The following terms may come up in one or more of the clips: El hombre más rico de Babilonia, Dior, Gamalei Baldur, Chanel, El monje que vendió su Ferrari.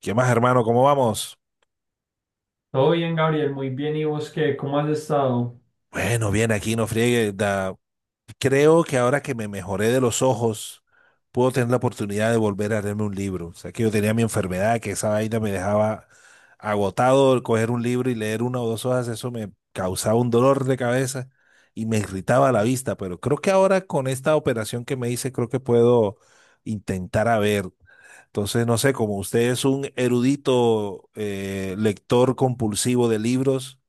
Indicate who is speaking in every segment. Speaker 1: ¿Qué más, hermano? ¿Cómo vamos?
Speaker 2: Todo bien, Gabriel, muy bien. ¿Y vos qué? ¿Cómo has estado?
Speaker 1: Bueno, bien, aquí no friegue. Creo que ahora que me mejoré de los ojos, puedo tener la oportunidad de volver a leerme un libro. O sea, que yo tenía mi enfermedad, que esa vaina me dejaba agotado. Coger un libro y leer una o dos hojas, eso me causaba un dolor de cabeza y me irritaba la vista. Pero creo que ahora con esta operación que me hice, creo que puedo intentar a ver. Entonces, no sé, como usted es un erudito lector compulsivo de libros.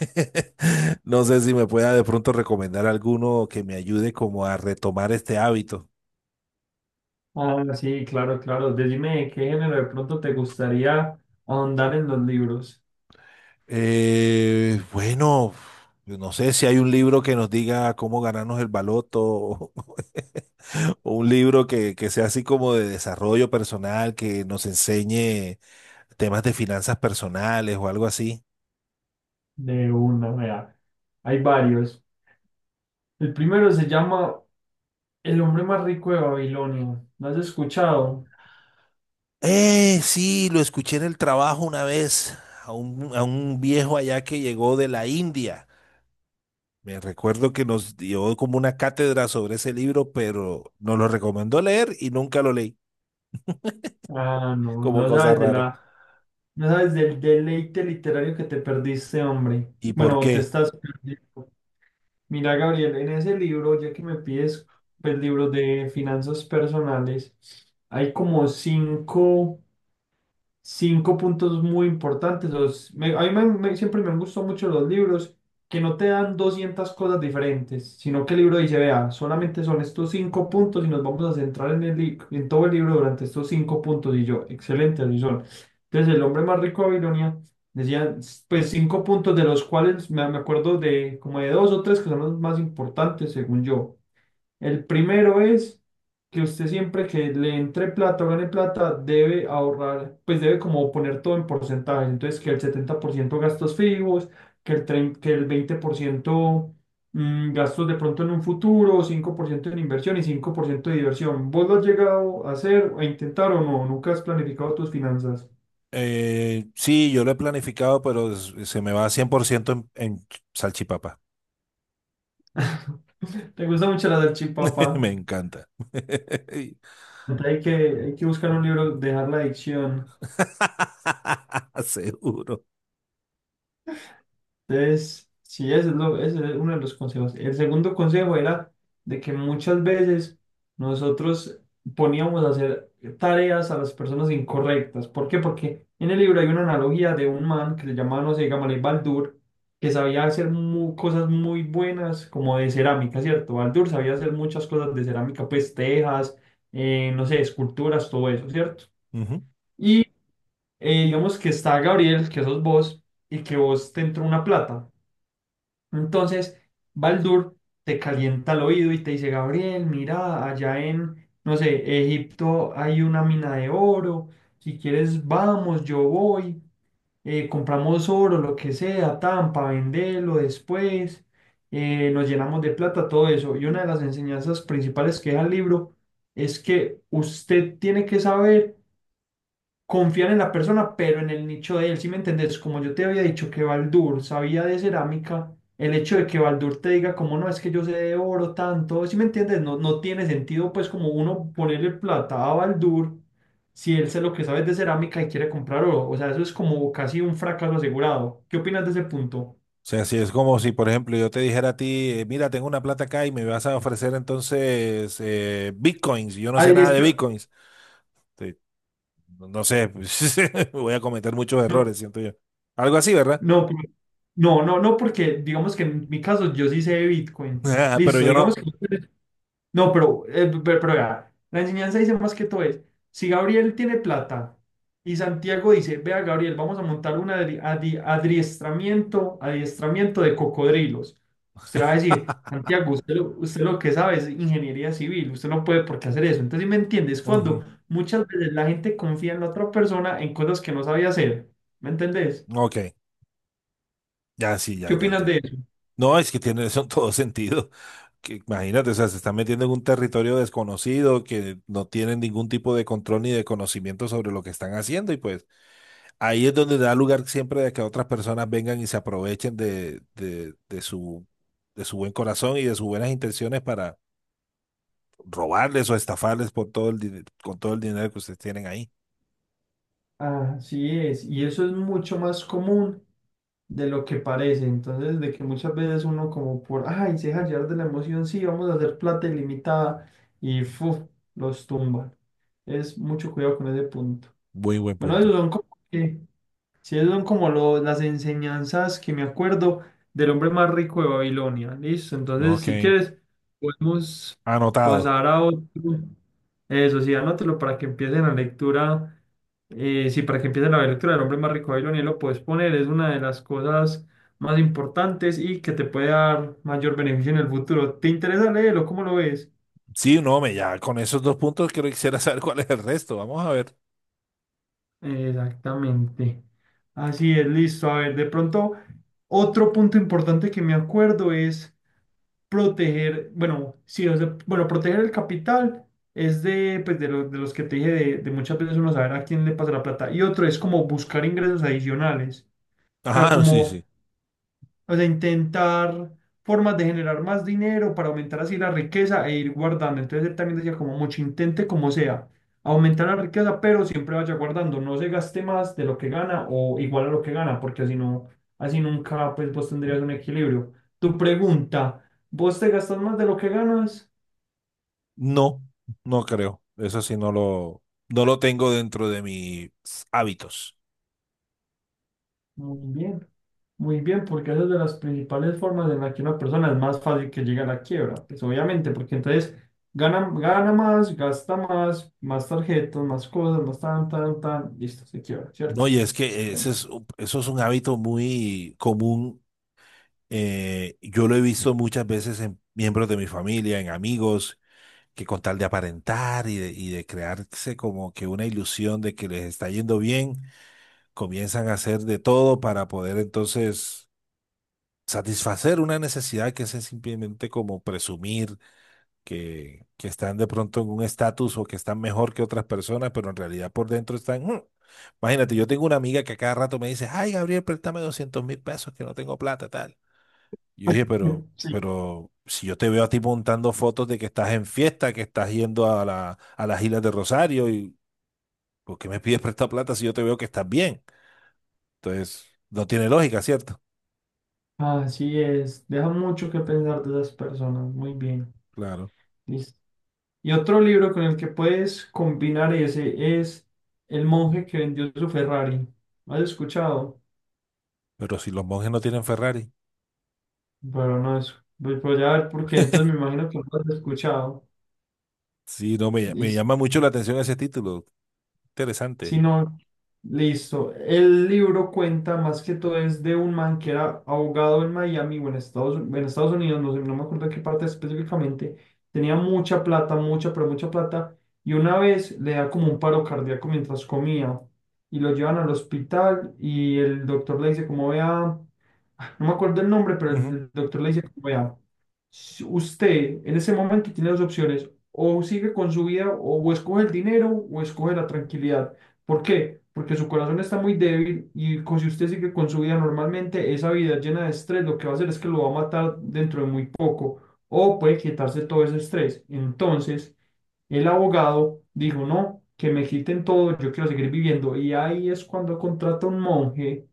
Speaker 1: No sé si me pueda de pronto recomendar alguno que me ayude como a retomar este hábito.
Speaker 2: Ah, sí, claro, claro. Decime de qué género de pronto te gustaría ahondar en los libros.
Speaker 1: Bueno, no sé si hay un libro que nos diga cómo ganarnos el baloto o un libro que sea así como de desarrollo personal, que nos enseñe temas de finanzas personales o algo así.
Speaker 2: De una, vea. Hay varios. El primero se llama El hombre más rico de Babilonia. ¿Lo has escuchado?
Speaker 1: Sí, lo escuché en el trabajo una vez a a un viejo allá que llegó de la India. Me recuerdo que nos dio como una cátedra sobre ese libro, pero nos lo recomendó leer y nunca lo leí,
Speaker 2: Ah, no,
Speaker 1: como cosa rara.
Speaker 2: no sabes del deleite literario que te perdiste, hombre.
Speaker 1: ¿Y por
Speaker 2: Bueno, te
Speaker 1: qué?
Speaker 2: estás perdiendo. Mira, Gabriel, en ese libro, ya que me pides el libro de finanzas personales, hay como cinco puntos muy importantes. A mí siempre me han gustado mucho los libros que no te dan 200 cosas diferentes, sino que el libro dice, vea, solamente son estos cinco puntos y nos vamos a centrar en todo el libro durante estos cinco puntos. Y yo, excelente, así son. Entonces, el hombre más rico de Babilonia decía, pues cinco puntos de los cuales me acuerdo de como de dos o tres que son los más importantes, según yo. El primero es que usted siempre que le entre plata o gane plata debe ahorrar, pues debe como poner todo en porcentaje. Entonces que el 70% gastos fijos, que el 20% gastos de pronto en un futuro, 5% en inversión y 5% de diversión. ¿Vos lo has llegado a hacer, a intentar o no? ¿Nunca has planificado tus finanzas?
Speaker 1: Sí, yo lo he planificado, pero se me va 100% en salchipapa.
Speaker 2: ¿Te gusta mucho la
Speaker 1: Me
Speaker 2: salchipapa?
Speaker 1: encanta.
Speaker 2: Hay que, hay que buscar un libro, dejar la adicción.
Speaker 1: Seguro.
Speaker 2: Entonces, sí, ese es uno de los consejos. El segundo consejo era de que muchas veces nosotros poníamos a hacer tareas a las personas incorrectas. ¿Por qué? Porque en el libro hay una analogía de un man que se llamaba, no sé, Gamalei Baldur, que sabía hacer cosas muy buenas como de cerámica, ¿cierto? Baldur sabía hacer muchas cosas de cerámica, pues tejas, no sé, esculturas, todo eso, ¿cierto?
Speaker 1: Ujú. O
Speaker 2: Y digamos que está Gabriel, que sos vos, y que vos te entró una plata. Entonces, Baldur te calienta el oído y te dice, Gabriel, mira, allá en, no sé, Egipto hay una mina de oro, si quieres vamos, yo voy, compramos oro, lo que sea, tan, para venderlo después, nos llenamos de plata, todo eso. Y una de las enseñanzas principales que deja el libro es que usted tiene que saber confiar en la persona, pero en el nicho de él, ¿sí me entendés? Como yo te había dicho que Baldur sabía de cerámica, el hecho de que Baldur te diga como no, es que yo sé de oro tanto, ¿sí me entiendes? No, no tiene sentido pues como uno ponerle plata a Baldur si él sé lo que sabe de cerámica y quiere comprar oro, o sea, eso es como casi un fracaso asegurado. ¿Qué opinas de ese punto?
Speaker 1: sea, si es como si, por ejemplo, yo te dijera a ti, mira, tengo una plata acá y me vas a ofrecer entonces bitcoins. Y yo no sé
Speaker 2: Adri,
Speaker 1: nada
Speaker 2: es
Speaker 1: de
Speaker 2: que-
Speaker 1: bitcoins. No sé, pues, voy a cometer muchos
Speaker 2: no,
Speaker 1: errores, siento yo. Algo así, ¿verdad?
Speaker 2: no, pero- no, no, no, porque digamos que en mi caso yo sí sé de Bitcoin.
Speaker 1: Pero
Speaker 2: Listo,
Speaker 1: yo
Speaker 2: digamos
Speaker 1: no.
Speaker 2: que... No, pero, vea, la enseñanza dice más que todo es, si Gabriel tiene plata y Santiago dice, vea, Gabriel, vamos a montar un adiestramiento de cocodrilos. Usted va a decir, Santiago, usted lo que sabe es ingeniería civil, usted no puede por qué hacer eso. Entonces, ¿sí? ¿Me entiendes?
Speaker 1: Ujú.
Speaker 2: Cuando muchas veces la gente confía en la otra persona en cosas que no sabía hacer, ¿me entendés?
Speaker 1: Ok, ya sí, ya,
Speaker 2: ¿Qué
Speaker 1: ya
Speaker 2: opinas
Speaker 1: entiendo.
Speaker 2: de eso?
Speaker 1: No, es que tiene eso en todo sentido. Que, imagínate, o sea, se están metiendo en un territorio desconocido que no tienen ningún tipo de control ni de conocimiento sobre lo que están haciendo y pues ahí es donde da lugar siempre de que otras personas vengan y se aprovechen de su buen corazón y de sus buenas intenciones para robarles o estafarles por todo con todo el dinero que ustedes tienen ahí.
Speaker 2: Así es, y eso es mucho más común de lo que parece. Entonces, de que muchas veces uno como por, ay, se deja llevar de la emoción, sí, vamos a hacer plata ilimitada y fuf, los tumban. Es mucho cuidado con ese punto.
Speaker 1: Muy buen
Speaker 2: Bueno,
Speaker 1: punto.
Speaker 2: que, sí, esos son como las enseñanzas que me acuerdo del hombre más rico de Babilonia. Listo, entonces,
Speaker 1: Ok,
Speaker 2: si quieres, podemos
Speaker 1: anotado.
Speaker 2: pasar a otro. Eso sí, anótelo para que empiece la lectura del hombre más rico de Babilonia, lo puedes poner, es una de las cosas más importantes y que te puede dar mayor beneficio en el futuro. ¿Te interesa leerlo? ¿Cómo lo ves?
Speaker 1: Sí, no, me ya con esos dos puntos quiero quisiera saber cuál es el resto. Vamos a ver.
Speaker 2: Exactamente. Así es, listo. A ver, de pronto, otro punto importante que me acuerdo es proteger, bueno, sí, o sea, bueno, proteger el capital es de, pues, de, de los que te dije, de muchas veces uno saber a quién le pasa la plata. Y otro es como buscar ingresos adicionales. O sea,
Speaker 1: Ah, sí,
Speaker 2: como
Speaker 1: sí.
Speaker 2: O sea, intentar formas de generar más dinero para aumentar así la riqueza e ir guardando. Entonces él también decía como mucho intente como sea, aumentar la riqueza, pero siempre vaya guardando, no se gaste más de lo que gana o igual a lo que gana, porque así no, así nunca pues vos tendrías un equilibrio. Tu pregunta, ¿vos te gastas más de lo que ganas?
Speaker 1: No, no creo. Eso sí no lo tengo dentro de mis hábitos.
Speaker 2: Muy bien. Muy bien, porque esa es de las principales formas en la que una persona es más fácil que llegue a la quiebra. Pues obviamente, porque entonces gana, gana más, gasta más, más tarjetas, más cosas, más tan, tan, tan, listo, se quiebra, ¿cierto?
Speaker 1: No, y es que
Speaker 2: Bueno,
Speaker 1: eso es un hábito muy común. Eh, yo lo he visto muchas veces en miembros de mi familia, en amigos, que con tal de aparentar y de crearse como que una ilusión de que les está yendo bien comienzan a hacer de todo para poder entonces satisfacer una necesidad que es simplemente como presumir que están de pronto en un estatus o que están mejor que otras personas, pero en realidad por dentro están... Mm. Imagínate, yo tengo una amiga que a cada rato me dice, ay, Gabriel, préstame 200.000 pesos que no tengo plata, tal. Y yo dije,
Speaker 2: Sí,
Speaker 1: pero si yo te veo a ti montando fotos de que estás en fiesta, que estás yendo a a las Islas de Rosario, y ¿por qué me pides prestar plata si yo te veo que estás bien? Entonces, no tiene lógica, ¿cierto?
Speaker 2: así es. Deja mucho que pensar de esas personas. Muy bien,
Speaker 1: Claro.
Speaker 2: listo. Y otro libro con el que puedes combinar ese es El monje que vendió su Ferrari. ¿Has escuchado?
Speaker 1: Pero si los monjes no tienen Ferrari.
Speaker 2: Pero no es. Voy a ver por qué, entonces me imagino que no lo has escuchado.
Speaker 1: Sí, no, me
Speaker 2: Listo.
Speaker 1: llama mucho la atención ese título.
Speaker 2: Si
Speaker 1: Interesante.
Speaker 2: no, listo. El libro cuenta más que todo es de un man que era abogado en Miami o en Estados Unidos, no sé, no me acuerdo qué parte específicamente. Tenía mucha plata, mucha, pero mucha plata. Y una vez le da como un paro cardíaco mientras comía. Y lo llevan al hospital y el doctor le dice como vea, no me acuerdo el nombre, pero el
Speaker 1: Ujú.
Speaker 2: el doctor le dice como vea. Si usted en ese momento tiene dos opciones, o sigue con su vida, o escoge el dinero, o escoge la tranquilidad. ¿Por qué? Porque su corazón está muy débil y si usted sigue con su vida normalmente, esa vida llena de estrés lo que va a hacer es que lo va a matar dentro de muy poco, o puede quitarse todo ese estrés. Entonces, el abogado dijo, no, que me quiten todo, yo quiero seguir viviendo. Y ahí es cuando contrata un monje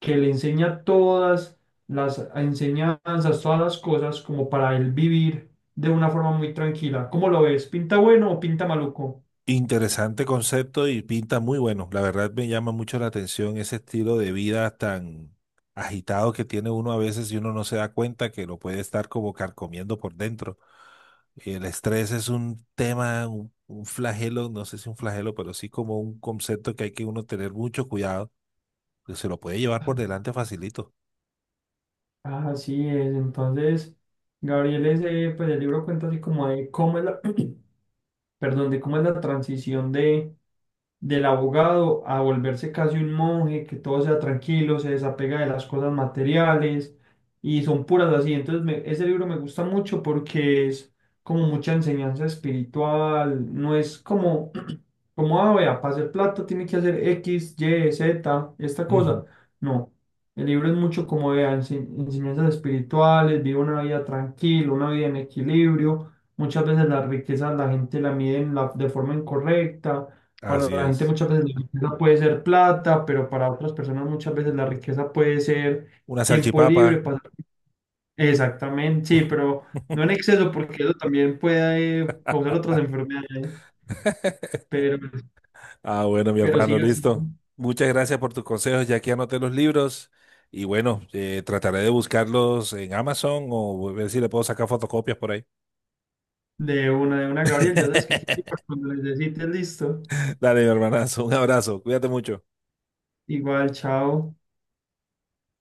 Speaker 2: que le enseña todas las enseñanzas, todas las cosas como para él vivir de una forma muy tranquila. ¿Cómo lo ves? ¿Pinta bueno o pinta maluco?
Speaker 1: Interesante concepto y pinta muy bueno. La verdad me llama mucho la atención ese estilo de vida tan agitado que tiene uno a veces y uno no se da cuenta que lo puede estar como carcomiendo por dentro. El estrés es un tema, un flagelo, no sé si un flagelo, pero sí como un concepto que hay que uno tener mucho cuidado, que se lo puede llevar por delante facilito.
Speaker 2: Así es, entonces Gabriel ese, pues el libro cuenta así como de cómo es la, perdón, de cómo es la transición de del abogado a volverse casi un monje, que todo sea tranquilo, se desapega de las cosas materiales y son puras así. Entonces, ese libro me gusta mucho porque es como mucha enseñanza espiritual, no es como, como, ah, vea, para hacer plata tiene que hacer X, Y, Z, esta
Speaker 1: Ujú.
Speaker 2: cosa. No. El libro es mucho como de enseñanzas espirituales, vive una vida tranquila, una vida en equilibrio. Muchas veces la riqueza la gente la mide de forma incorrecta. Para
Speaker 1: Así
Speaker 2: la gente
Speaker 1: es.
Speaker 2: muchas veces la riqueza puede ser plata, pero para otras personas muchas veces la riqueza puede ser
Speaker 1: Una
Speaker 2: tiempo
Speaker 1: salchipapa.
Speaker 2: libre. Exactamente, sí, pero no en exceso porque eso también puede causar otras enfermedades. Pero,
Speaker 1: Ah, bueno, mi
Speaker 2: pero
Speaker 1: hermano,
Speaker 2: sí, así
Speaker 1: listo.
Speaker 2: son.
Speaker 1: Muchas gracias por tus consejos. Ya que anoté los libros. Y bueno, trataré de buscarlos en Amazon o ver si le puedo sacar fotocopias por ahí.
Speaker 2: De una, de una, Gabriel, ya sabes que aquí estoy para cuando necesites, listo.
Speaker 1: Dale, mi hermanazo. Un abrazo. Cuídate mucho.
Speaker 2: Igual, chao.